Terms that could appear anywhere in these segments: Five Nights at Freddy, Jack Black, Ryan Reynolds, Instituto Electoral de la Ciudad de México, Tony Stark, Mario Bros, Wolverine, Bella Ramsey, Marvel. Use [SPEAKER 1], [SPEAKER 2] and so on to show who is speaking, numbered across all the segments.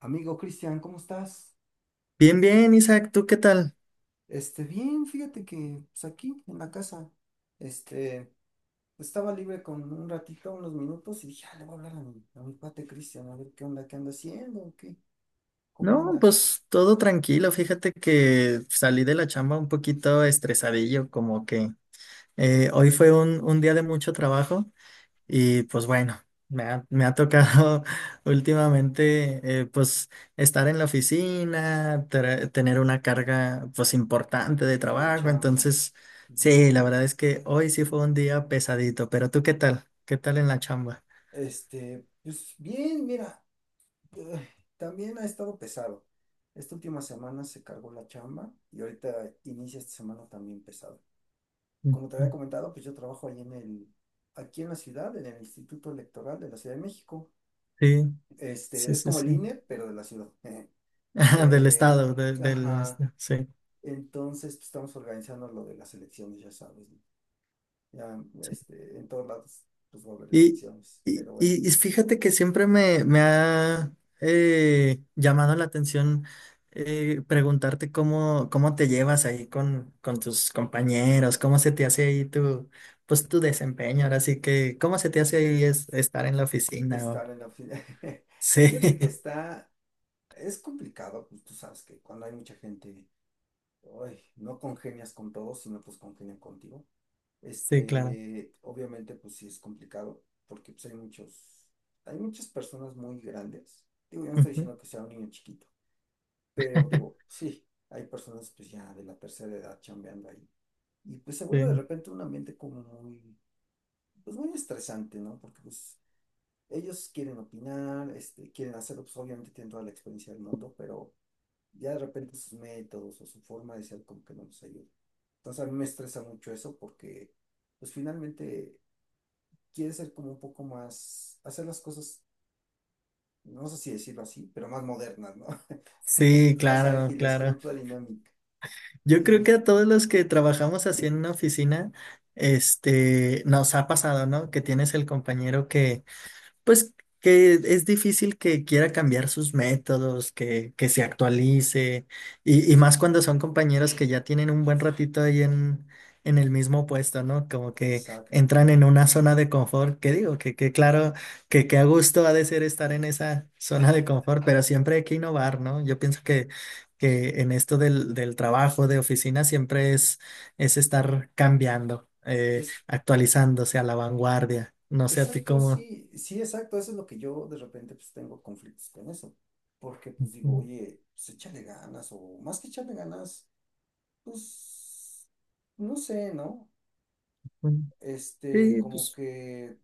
[SPEAKER 1] Amigo Cristian, ¿cómo estás?
[SPEAKER 2] Bien, bien, Isaac, ¿tú qué tal?
[SPEAKER 1] Bien, fíjate que pues aquí en la casa, este, estaba libre con un ratito, unos minutos y dije, ah, le voy a hablar a mi cuate Cristian, a ver qué onda, qué anda haciendo, o qué, cómo
[SPEAKER 2] No,
[SPEAKER 1] anda
[SPEAKER 2] pues todo tranquilo. Fíjate que salí de la chamba un poquito estresadillo, como que hoy fue un día de mucho trabajo y pues bueno, me ha tocado últimamente pues estar en la oficina, tener una carga pues importante de
[SPEAKER 1] de
[SPEAKER 2] trabajo.
[SPEAKER 1] chamba.
[SPEAKER 2] Entonces, sí, la
[SPEAKER 1] Híjole,
[SPEAKER 2] verdad es que hoy sí fue un día pesadito, pero ¿tú qué tal? ¿Qué tal en la chamba?
[SPEAKER 1] pues bien, mira, eh, también ha estado pesado. Esta última semana se cargó la chamba y ahorita inicia esta semana también pesado.
[SPEAKER 2] Ujú.
[SPEAKER 1] Como te había comentado, pues yo trabajo ahí aquí en la ciudad, en el Instituto Electoral de la Ciudad de México.
[SPEAKER 2] Sí, sí,
[SPEAKER 1] Es
[SPEAKER 2] sí,
[SPEAKER 1] como
[SPEAKER 2] sí.
[SPEAKER 1] el INE, pero de la ciudad.
[SPEAKER 2] Del
[SPEAKER 1] Eh,
[SPEAKER 2] estado, del,
[SPEAKER 1] ajá.
[SPEAKER 2] este, sí.
[SPEAKER 1] Entonces, pues, estamos organizando lo de las elecciones, ya sabes, ¿no? Ya,
[SPEAKER 2] Sí.
[SPEAKER 1] en todos lados, pues va a haber
[SPEAKER 2] Y,
[SPEAKER 1] elecciones.
[SPEAKER 2] y,
[SPEAKER 1] Pero bueno,
[SPEAKER 2] y- y fíjate que me ha llamado la atención preguntarte cómo te llevas ahí con tus compañeros, cómo se te hace ahí tu, pues, tu desempeño. Ahora sí que, cómo se te hace ahí estar en la oficina. O-
[SPEAKER 1] estar en la fila. Fíjate
[SPEAKER 2] Sí,
[SPEAKER 1] que está, es complicado, pues tú sabes que cuando hay mucha gente, uy, no congenias con todos, sino pues congenian contigo.
[SPEAKER 2] sí, claro.
[SPEAKER 1] Obviamente, pues sí es complicado, porque pues hay muchas personas muy grandes. Digo, yo no estoy
[SPEAKER 2] Ujú.
[SPEAKER 1] diciendo que sea un niño chiquito, pero digo, sí, hay personas pues ya de la tercera edad chambeando ahí. Y pues se vuelve de
[SPEAKER 2] Sí,
[SPEAKER 1] repente un ambiente como muy, pues muy estresante, ¿no? Porque pues ellos quieren opinar, quieren hacerlo, pues obviamente tienen toda la experiencia del mundo, pero ya de repente sus métodos o su forma de ser como que no nos ayuda. Entonces a mí me estresa mucho eso porque pues finalmente quiere ser como un poco más, hacer las cosas, no sé si decirlo así, pero más modernas, ¿no?
[SPEAKER 2] sí,
[SPEAKER 1] Más
[SPEAKER 2] claro,
[SPEAKER 1] ágiles, con
[SPEAKER 2] claro.
[SPEAKER 1] otra dinámica.
[SPEAKER 2] Yo creo que
[SPEAKER 1] Y
[SPEAKER 2] a todos los que trabajamos así en una oficina, este, nos ha pasado, ¿no? Que tienes el compañero que pues que es difícil que quiera cambiar sus métodos, que se actualice, y más cuando son compañeros que ya tienen un buen ratito ahí en el mismo puesto, ¿no? Como que
[SPEAKER 1] exacto.
[SPEAKER 2] entran en una zona de confort, que digo, que claro, que a gusto ha de ser estar en esa zona de confort, pero siempre hay que innovar, ¿no? Yo pienso que en esto del, del trabajo de oficina siempre es estar cambiando,
[SPEAKER 1] Es,
[SPEAKER 2] actualizándose a la vanguardia. No sé a ti
[SPEAKER 1] exacto,
[SPEAKER 2] cómo.
[SPEAKER 1] sí, sí, exacto. Eso es lo que yo de repente pues tengo conflictos con eso. Porque pues digo, oye, pues échale ganas o más que echarle ganas, pues, no sé, ¿no?
[SPEAKER 2] Mm,
[SPEAKER 1] Este,
[SPEAKER 2] Sí,
[SPEAKER 1] como
[SPEAKER 2] pues
[SPEAKER 1] que,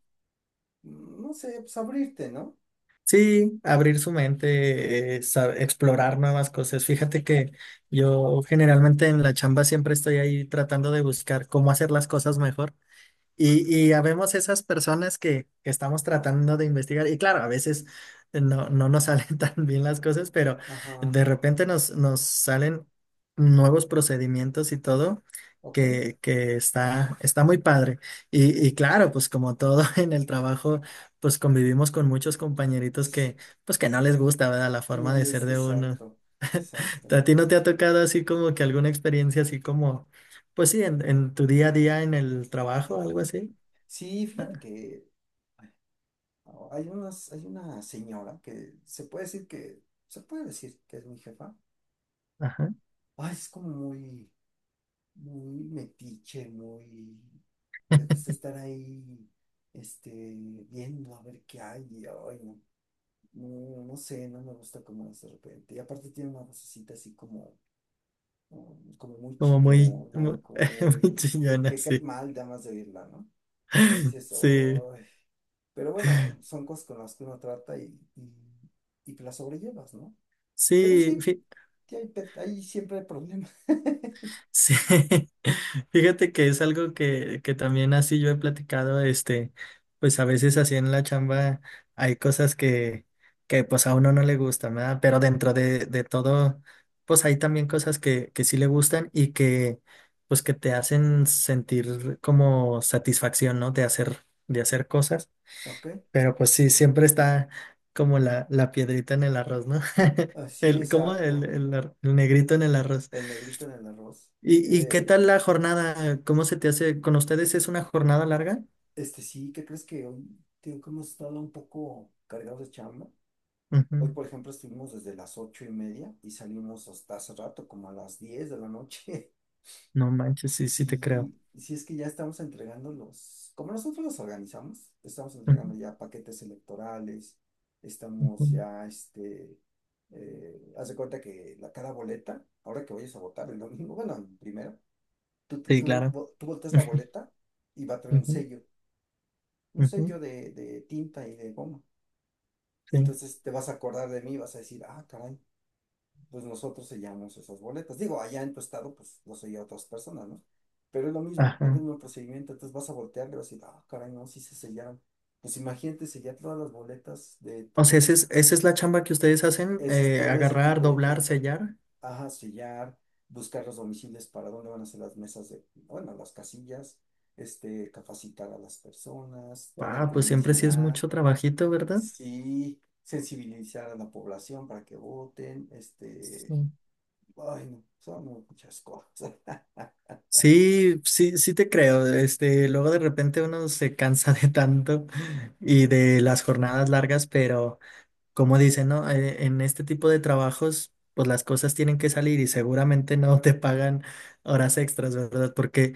[SPEAKER 1] no sé, pues abrirte, ¿no?
[SPEAKER 2] sí, abrir su mente, explorar nuevas cosas. Fíjate que yo generalmente en la chamba siempre estoy ahí tratando de buscar cómo hacer las cosas mejor. Y habemos esas personas que estamos tratando de investigar. Y claro, a veces no nos salen tan bien las cosas, pero
[SPEAKER 1] Ajá,
[SPEAKER 2] de repente nos salen nuevos procedimientos y todo
[SPEAKER 1] ok.
[SPEAKER 2] que está, está muy padre. Y claro, pues como todo en el trabajo, pues convivimos con muchos compañeritos
[SPEAKER 1] S-
[SPEAKER 2] que, pues que no les gusta, ¿verdad? La
[SPEAKER 1] No
[SPEAKER 2] forma de ser
[SPEAKER 1] les,
[SPEAKER 2] de uno.
[SPEAKER 1] exacto, exacto.
[SPEAKER 2] ¿A ti no te ha tocado así como que alguna experiencia así como, pues sí, en tu día a día en el trabajo, algo así?
[SPEAKER 1] Sí, fíjate que oh, hay una señora que se puede decir se puede decir que es mi jefa.
[SPEAKER 2] Ajá.
[SPEAKER 1] Ay, es como muy, muy metiche, muy, le gusta estar ahí, este, viendo a ver qué hay, y ay, no, no, no sé, no me gusta cómo es de repente. Y aparte tiene una vocecita así como, como muy
[SPEAKER 2] Como muy,
[SPEAKER 1] chillona,
[SPEAKER 2] muy,
[SPEAKER 1] como
[SPEAKER 2] muy
[SPEAKER 1] muy,
[SPEAKER 2] chillona,
[SPEAKER 1] que cae
[SPEAKER 2] sí.
[SPEAKER 1] mal, nada más de oírla, ¿no? Dices,
[SPEAKER 2] Sí,
[SPEAKER 1] "Ay". Pero bueno, son cosas con las que uno trata y, y que las sobrellevas, ¿no? Pero
[SPEAKER 2] sí,
[SPEAKER 1] sí,
[SPEAKER 2] fí-
[SPEAKER 1] hay siempre hay problemas.
[SPEAKER 2] sí. Fíjate que es algo que también así yo he platicado, este, pues a veces así en la chamba hay cosas que pues a uno no le gustan, ¿verdad? Pero dentro de todo, pues hay también cosas que sí le gustan y que pues que te hacen sentir como satisfacción, ¿no? De hacer cosas.
[SPEAKER 1] Ok,
[SPEAKER 2] Pero pues sí, siempre está como la piedrita en el arroz, ¿no?
[SPEAKER 1] ah, sí,
[SPEAKER 2] El, ¿cómo? El,
[SPEAKER 1] exacto.
[SPEAKER 2] el negrito en el arroz.
[SPEAKER 1] El negrito en el arroz.
[SPEAKER 2] ¿Y qué
[SPEAKER 1] Eh,
[SPEAKER 2] tal la jornada? ¿Cómo se te hace? ¿Con ustedes es una jornada larga?
[SPEAKER 1] este sí, ¿qué crees que hoy, tío, que hemos estado un poco cargados de chamba? Hoy,
[SPEAKER 2] Ujú.
[SPEAKER 1] por ejemplo, estuvimos desde las 8:30 y salimos hasta hace rato, como a las 10 de la noche.
[SPEAKER 2] No manches, sí, sí te creo.
[SPEAKER 1] Sí, sí es que ya estamos entregando los, como nosotros los organizamos, estamos
[SPEAKER 2] Ujú,
[SPEAKER 1] entregando ya paquetes electorales, estamos
[SPEAKER 2] ujú.
[SPEAKER 1] ya, haz de cuenta que la, cada boleta, ahora que vayas a votar el domingo, bueno, el primero,
[SPEAKER 2] Sí, claro.
[SPEAKER 1] tú volteas la boleta y va a tener
[SPEAKER 2] Ujú,
[SPEAKER 1] un
[SPEAKER 2] ujú.
[SPEAKER 1] sello de tinta y de goma. Y
[SPEAKER 2] Sí.
[SPEAKER 1] entonces te vas a acordar de mí, vas a decir, ah, caray, pues nosotros sellamos esas boletas. Digo, allá en tu estado, pues lo sella otras personas, ¿no? Pero es lo mismo, es el
[SPEAKER 2] Ajá.
[SPEAKER 1] mismo procedimiento. Entonces vas a voltear y vas a decir, ah, caray, no, sí se sellaron. Pues imagínate sellar todas las boletas de
[SPEAKER 2] O sea, esa es la chamba que ustedes hacen,
[SPEAKER 1] todo ese
[SPEAKER 2] agarrar,
[SPEAKER 1] tipo de
[SPEAKER 2] doblar,
[SPEAKER 1] chelampa.
[SPEAKER 2] sellar.
[SPEAKER 1] Ajá, sellar, buscar los domicilios para dónde van a ser las mesas de, bueno, las casillas, capacitar a las personas, poner
[SPEAKER 2] Ah, pues siempre sí es
[SPEAKER 1] publicidad,
[SPEAKER 2] mucho trabajito, ¿verdad?
[SPEAKER 1] sí, sensibilizar a la población para que voten, este.
[SPEAKER 2] Sí.
[SPEAKER 1] Ay, no, son muchas cosas.
[SPEAKER 2] Sí, sí, sí te creo. Este, luego de repente uno se cansa de tanto y de las jornadas largas, pero como dicen, ¿no? En este tipo de trabajos, pues las cosas tienen que salir y seguramente no te pagan horas extras, ¿verdad? Porque,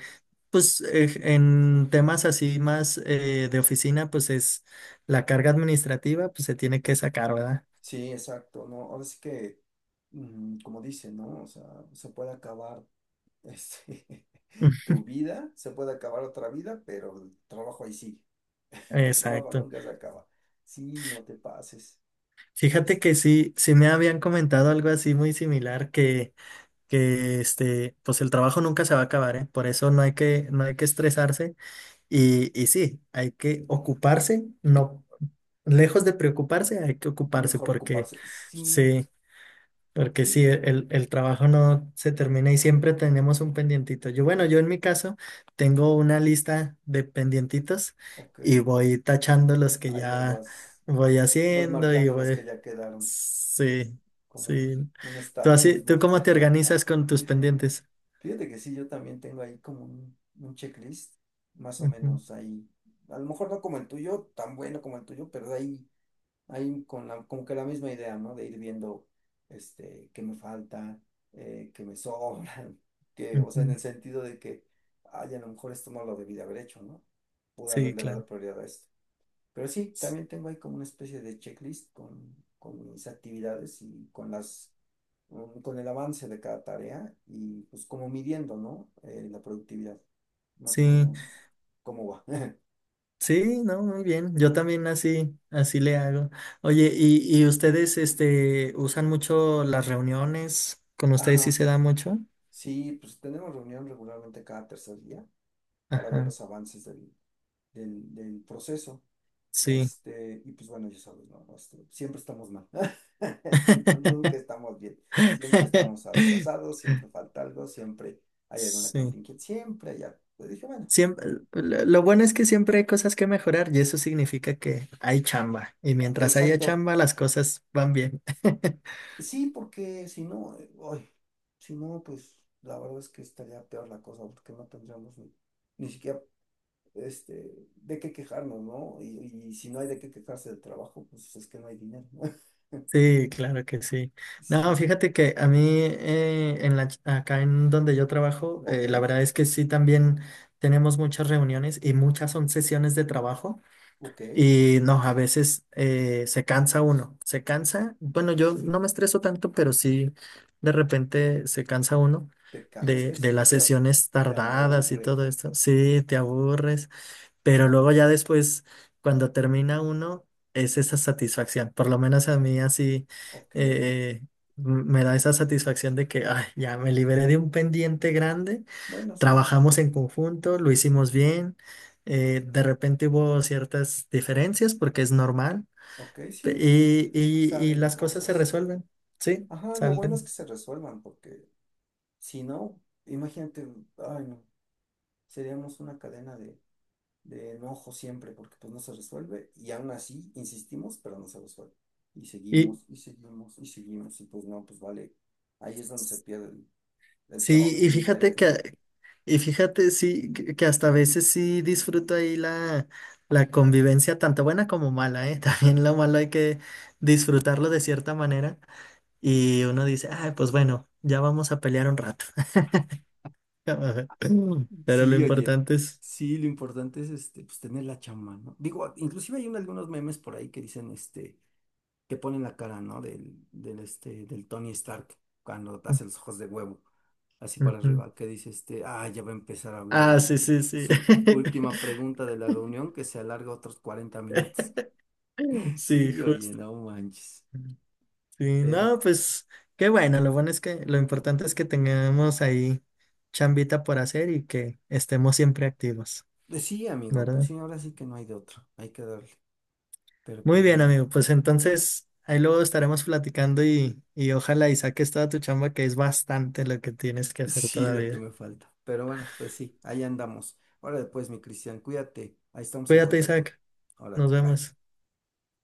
[SPEAKER 2] pues, en temas así más de oficina, pues es la carga administrativa, pues se tiene que sacar, ¿verdad?
[SPEAKER 1] Sí, exacto, ¿no? Ahora sí que, como dicen, ¿no? O sea, se puede acabar este, tu vida, se puede acabar otra vida, pero el trabajo ahí sigue. El trabajo
[SPEAKER 2] Exacto.
[SPEAKER 1] nunca se acaba. Sí, no te pases.
[SPEAKER 2] Fíjate
[SPEAKER 1] Es
[SPEAKER 2] que sí, sí me habían comentado algo así muy similar que este, pues el trabajo nunca se va a acabar, ¿eh? Por eso no hay que, no hay que estresarse y sí, hay que ocuparse, no, lejos de preocuparse, hay que ocuparse
[SPEAKER 1] mejor ocuparse. Sí,
[SPEAKER 2] sí, porque sí,
[SPEAKER 1] sí,
[SPEAKER 2] el trabajo no se termina y siempre tenemos un pendientito. Yo, bueno, yo en mi caso tengo una lista de pendientitos
[SPEAKER 1] ok.
[SPEAKER 2] y voy tachando los que
[SPEAKER 1] Ahí las
[SPEAKER 2] ya
[SPEAKER 1] vas,
[SPEAKER 2] voy
[SPEAKER 1] vas
[SPEAKER 2] haciendo y
[SPEAKER 1] marcando los
[SPEAKER 2] voy,
[SPEAKER 1] que ya quedaron,
[SPEAKER 2] sí,
[SPEAKER 1] como
[SPEAKER 2] sí.
[SPEAKER 1] un
[SPEAKER 2] ¿Tú
[SPEAKER 1] estatus,
[SPEAKER 2] así, tú
[SPEAKER 1] ¿no?
[SPEAKER 2] cómo te organizas con tus pendientes?
[SPEAKER 1] Fíjate que sí, yo también tengo ahí como un checklist, más o
[SPEAKER 2] Ujú,
[SPEAKER 1] menos ahí. A lo mejor no como el tuyo, tan bueno como el tuyo, ahí con la, como que la misma idea, ¿no? De ir viendo, qué me falta, qué me sobra, que, o sea, en
[SPEAKER 2] ujú.
[SPEAKER 1] el sentido de que, ay, a lo mejor esto no lo debí de haber hecho, ¿no? Pude
[SPEAKER 2] Sí,
[SPEAKER 1] haberle
[SPEAKER 2] claro.
[SPEAKER 1] dado prioridad a esto. Pero sí, también tengo ahí como una especie de checklist con mis actividades y con las, con el avance de cada tarea y pues como midiendo, ¿no? La productividad, más o
[SPEAKER 2] Sí,
[SPEAKER 1] menos cómo va.
[SPEAKER 2] sí, no, muy bien. Yo también así, así le hago. Oye, ¿y ustedes, este, usan mucho las reuniones? ¿Con ustedes sí
[SPEAKER 1] Ajá,
[SPEAKER 2] se da mucho?
[SPEAKER 1] sí, pues tenemos reunión regularmente cada tercer día para ver
[SPEAKER 2] Ajá,
[SPEAKER 1] los avances del proceso.
[SPEAKER 2] sí.
[SPEAKER 1] Y pues bueno, ya sabes, ¿no? Siempre estamos mal. Nunca estamos bien. Siempre estamos atrasados, siempre falta algo, siempre hay alguna
[SPEAKER 2] Sí.
[SPEAKER 1] contingencia, siempre hay algo. Pues dije, bueno,
[SPEAKER 2] Siempre, lo bueno es que siempre hay cosas que mejorar y eso significa que hay chamba. Y mientras haya
[SPEAKER 1] exacto.
[SPEAKER 2] chamba, las cosas van bien.
[SPEAKER 1] Sí, porque si no, ay, si no, pues la verdad es que estaría peor la cosa, porque no tendríamos ni, ni siquiera de qué quejarnos, ¿no? Y si no hay de qué quejarse del trabajo, pues es que no hay dinero, ¿no?
[SPEAKER 2] Sí, claro que sí. No,
[SPEAKER 1] Sí,
[SPEAKER 2] fíjate que a mí en la, ch- acá en donde yo trabajo,
[SPEAKER 1] ok,
[SPEAKER 2] la verdad es que sí también tenemos muchas reuniones y muchas son sesiones de trabajo
[SPEAKER 1] ok.
[SPEAKER 2] y no, a veces se cansa uno, se cansa. Bueno, yo no me estreso tanto, pero sí de repente se cansa uno
[SPEAKER 1] Te ca- es que
[SPEAKER 2] de
[SPEAKER 1] sí,
[SPEAKER 2] las
[SPEAKER 1] te, a-
[SPEAKER 2] sesiones
[SPEAKER 1] te
[SPEAKER 2] tardadas y
[SPEAKER 1] aburres.
[SPEAKER 2] todo esto. Sí, te aburres. Pero luego ya después, cuando termina uno, es esa satisfacción. Por lo menos a mí así
[SPEAKER 1] Ok.
[SPEAKER 2] eh, me da esa satisfacción de que ay, ya me liberé de un pendiente grande,
[SPEAKER 1] Bueno, sí, eso sí.
[SPEAKER 2] trabajamos en conjunto, lo hicimos bien, de repente hubo ciertas diferencias porque es normal
[SPEAKER 1] Ok,
[SPEAKER 2] pe-
[SPEAKER 1] sí, pues
[SPEAKER 2] y
[SPEAKER 1] salen
[SPEAKER 2] las cosas se
[SPEAKER 1] cosas.
[SPEAKER 2] resuelven, ¿sí?
[SPEAKER 1] Ajá, lo bueno es que
[SPEAKER 2] Salen.
[SPEAKER 1] se resuelvan, porque si no, imagínate, ay no, seríamos una cadena de enojo siempre, porque pues no se resuelve, y aún así insistimos, pero no se resuelve. Y seguimos, y seguimos, y seguimos, y pues no, pues vale. Ahí es donde se pierde el trabajo
[SPEAKER 2] Sí,
[SPEAKER 1] y
[SPEAKER 2] y
[SPEAKER 1] el
[SPEAKER 2] fíjate
[SPEAKER 1] interés, ¿no?
[SPEAKER 2] que, y fíjate, sí, que hasta a veces sí disfruto ahí la, la convivencia, tanto buena como mala, ¿eh? También lo malo hay que disfrutarlo de cierta manera. Y uno dice, ay, pues bueno, ya vamos a pelear un rato. Pero lo
[SPEAKER 1] Sí, oye,
[SPEAKER 2] importante es.
[SPEAKER 1] sí, lo importante es pues tener la chamba, ¿no? Digo, inclusive algunos memes por ahí que dicen, que ponen la cara, ¿no? Del Tony Stark cuando hace los ojos de huevo, así para
[SPEAKER 2] Ujú.
[SPEAKER 1] arriba, que dice, ah, ya va a empezar a hablar
[SPEAKER 2] Ah,
[SPEAKER 1] el
[SPEAKER 2] sí,
[SPEAKER 1] de
[SPEAKER 2] sí, sí.
[SPEAKER 1] su última pregunta de la reunión que se alarga otros 40 minutos.
[SPEAKER 2] Sí,
[SPEAKER 1] Sí, oye,
[SPEAKER 2] justo.
[SPEAKER 1] no manches.
[SPEAKER 2] Sí,
[SPEAKER 1] Pero,
[SPEAKER 2] no,
[SPEAKER 1] pues,
[SPEAKER 2] pues qué bueno, lo bueno es que lo importante es que tengamos ahí chambita por hacer y que estemos siempre activos,
[SPEAKER 1] pues sí, amigo, pues
[SPEAKER 2] ¿verdad?
[SPEAKER 1] sí, ahora sí que no hay de otro, hay que darle. Pero pues
[SPEAKER 2] Muy bien,
[SPEAKER 1] bueno.
[SPEAKER 2] amigo, pues entonces ahí luego estaremos platicando y ojalá y saques toda tu chamba, que es bastante lo que tienes que hacer
[SPEAKER 1] Sí, lo que
[SPEAKER 2] todavía.
[SPEAKER 1] me falta. Pero bueno, pues sí, ahí andamos. Órale, pues, mi Cristian, cuídate. Ahí estamos en
[SPEAKER 2] Cuídate,
[SPEAKER 1] contacto.
[SPEAKER 2] Isaac, nos
[SPEAKER 1] Órale, bye.
[SPEAKER 2] vemos.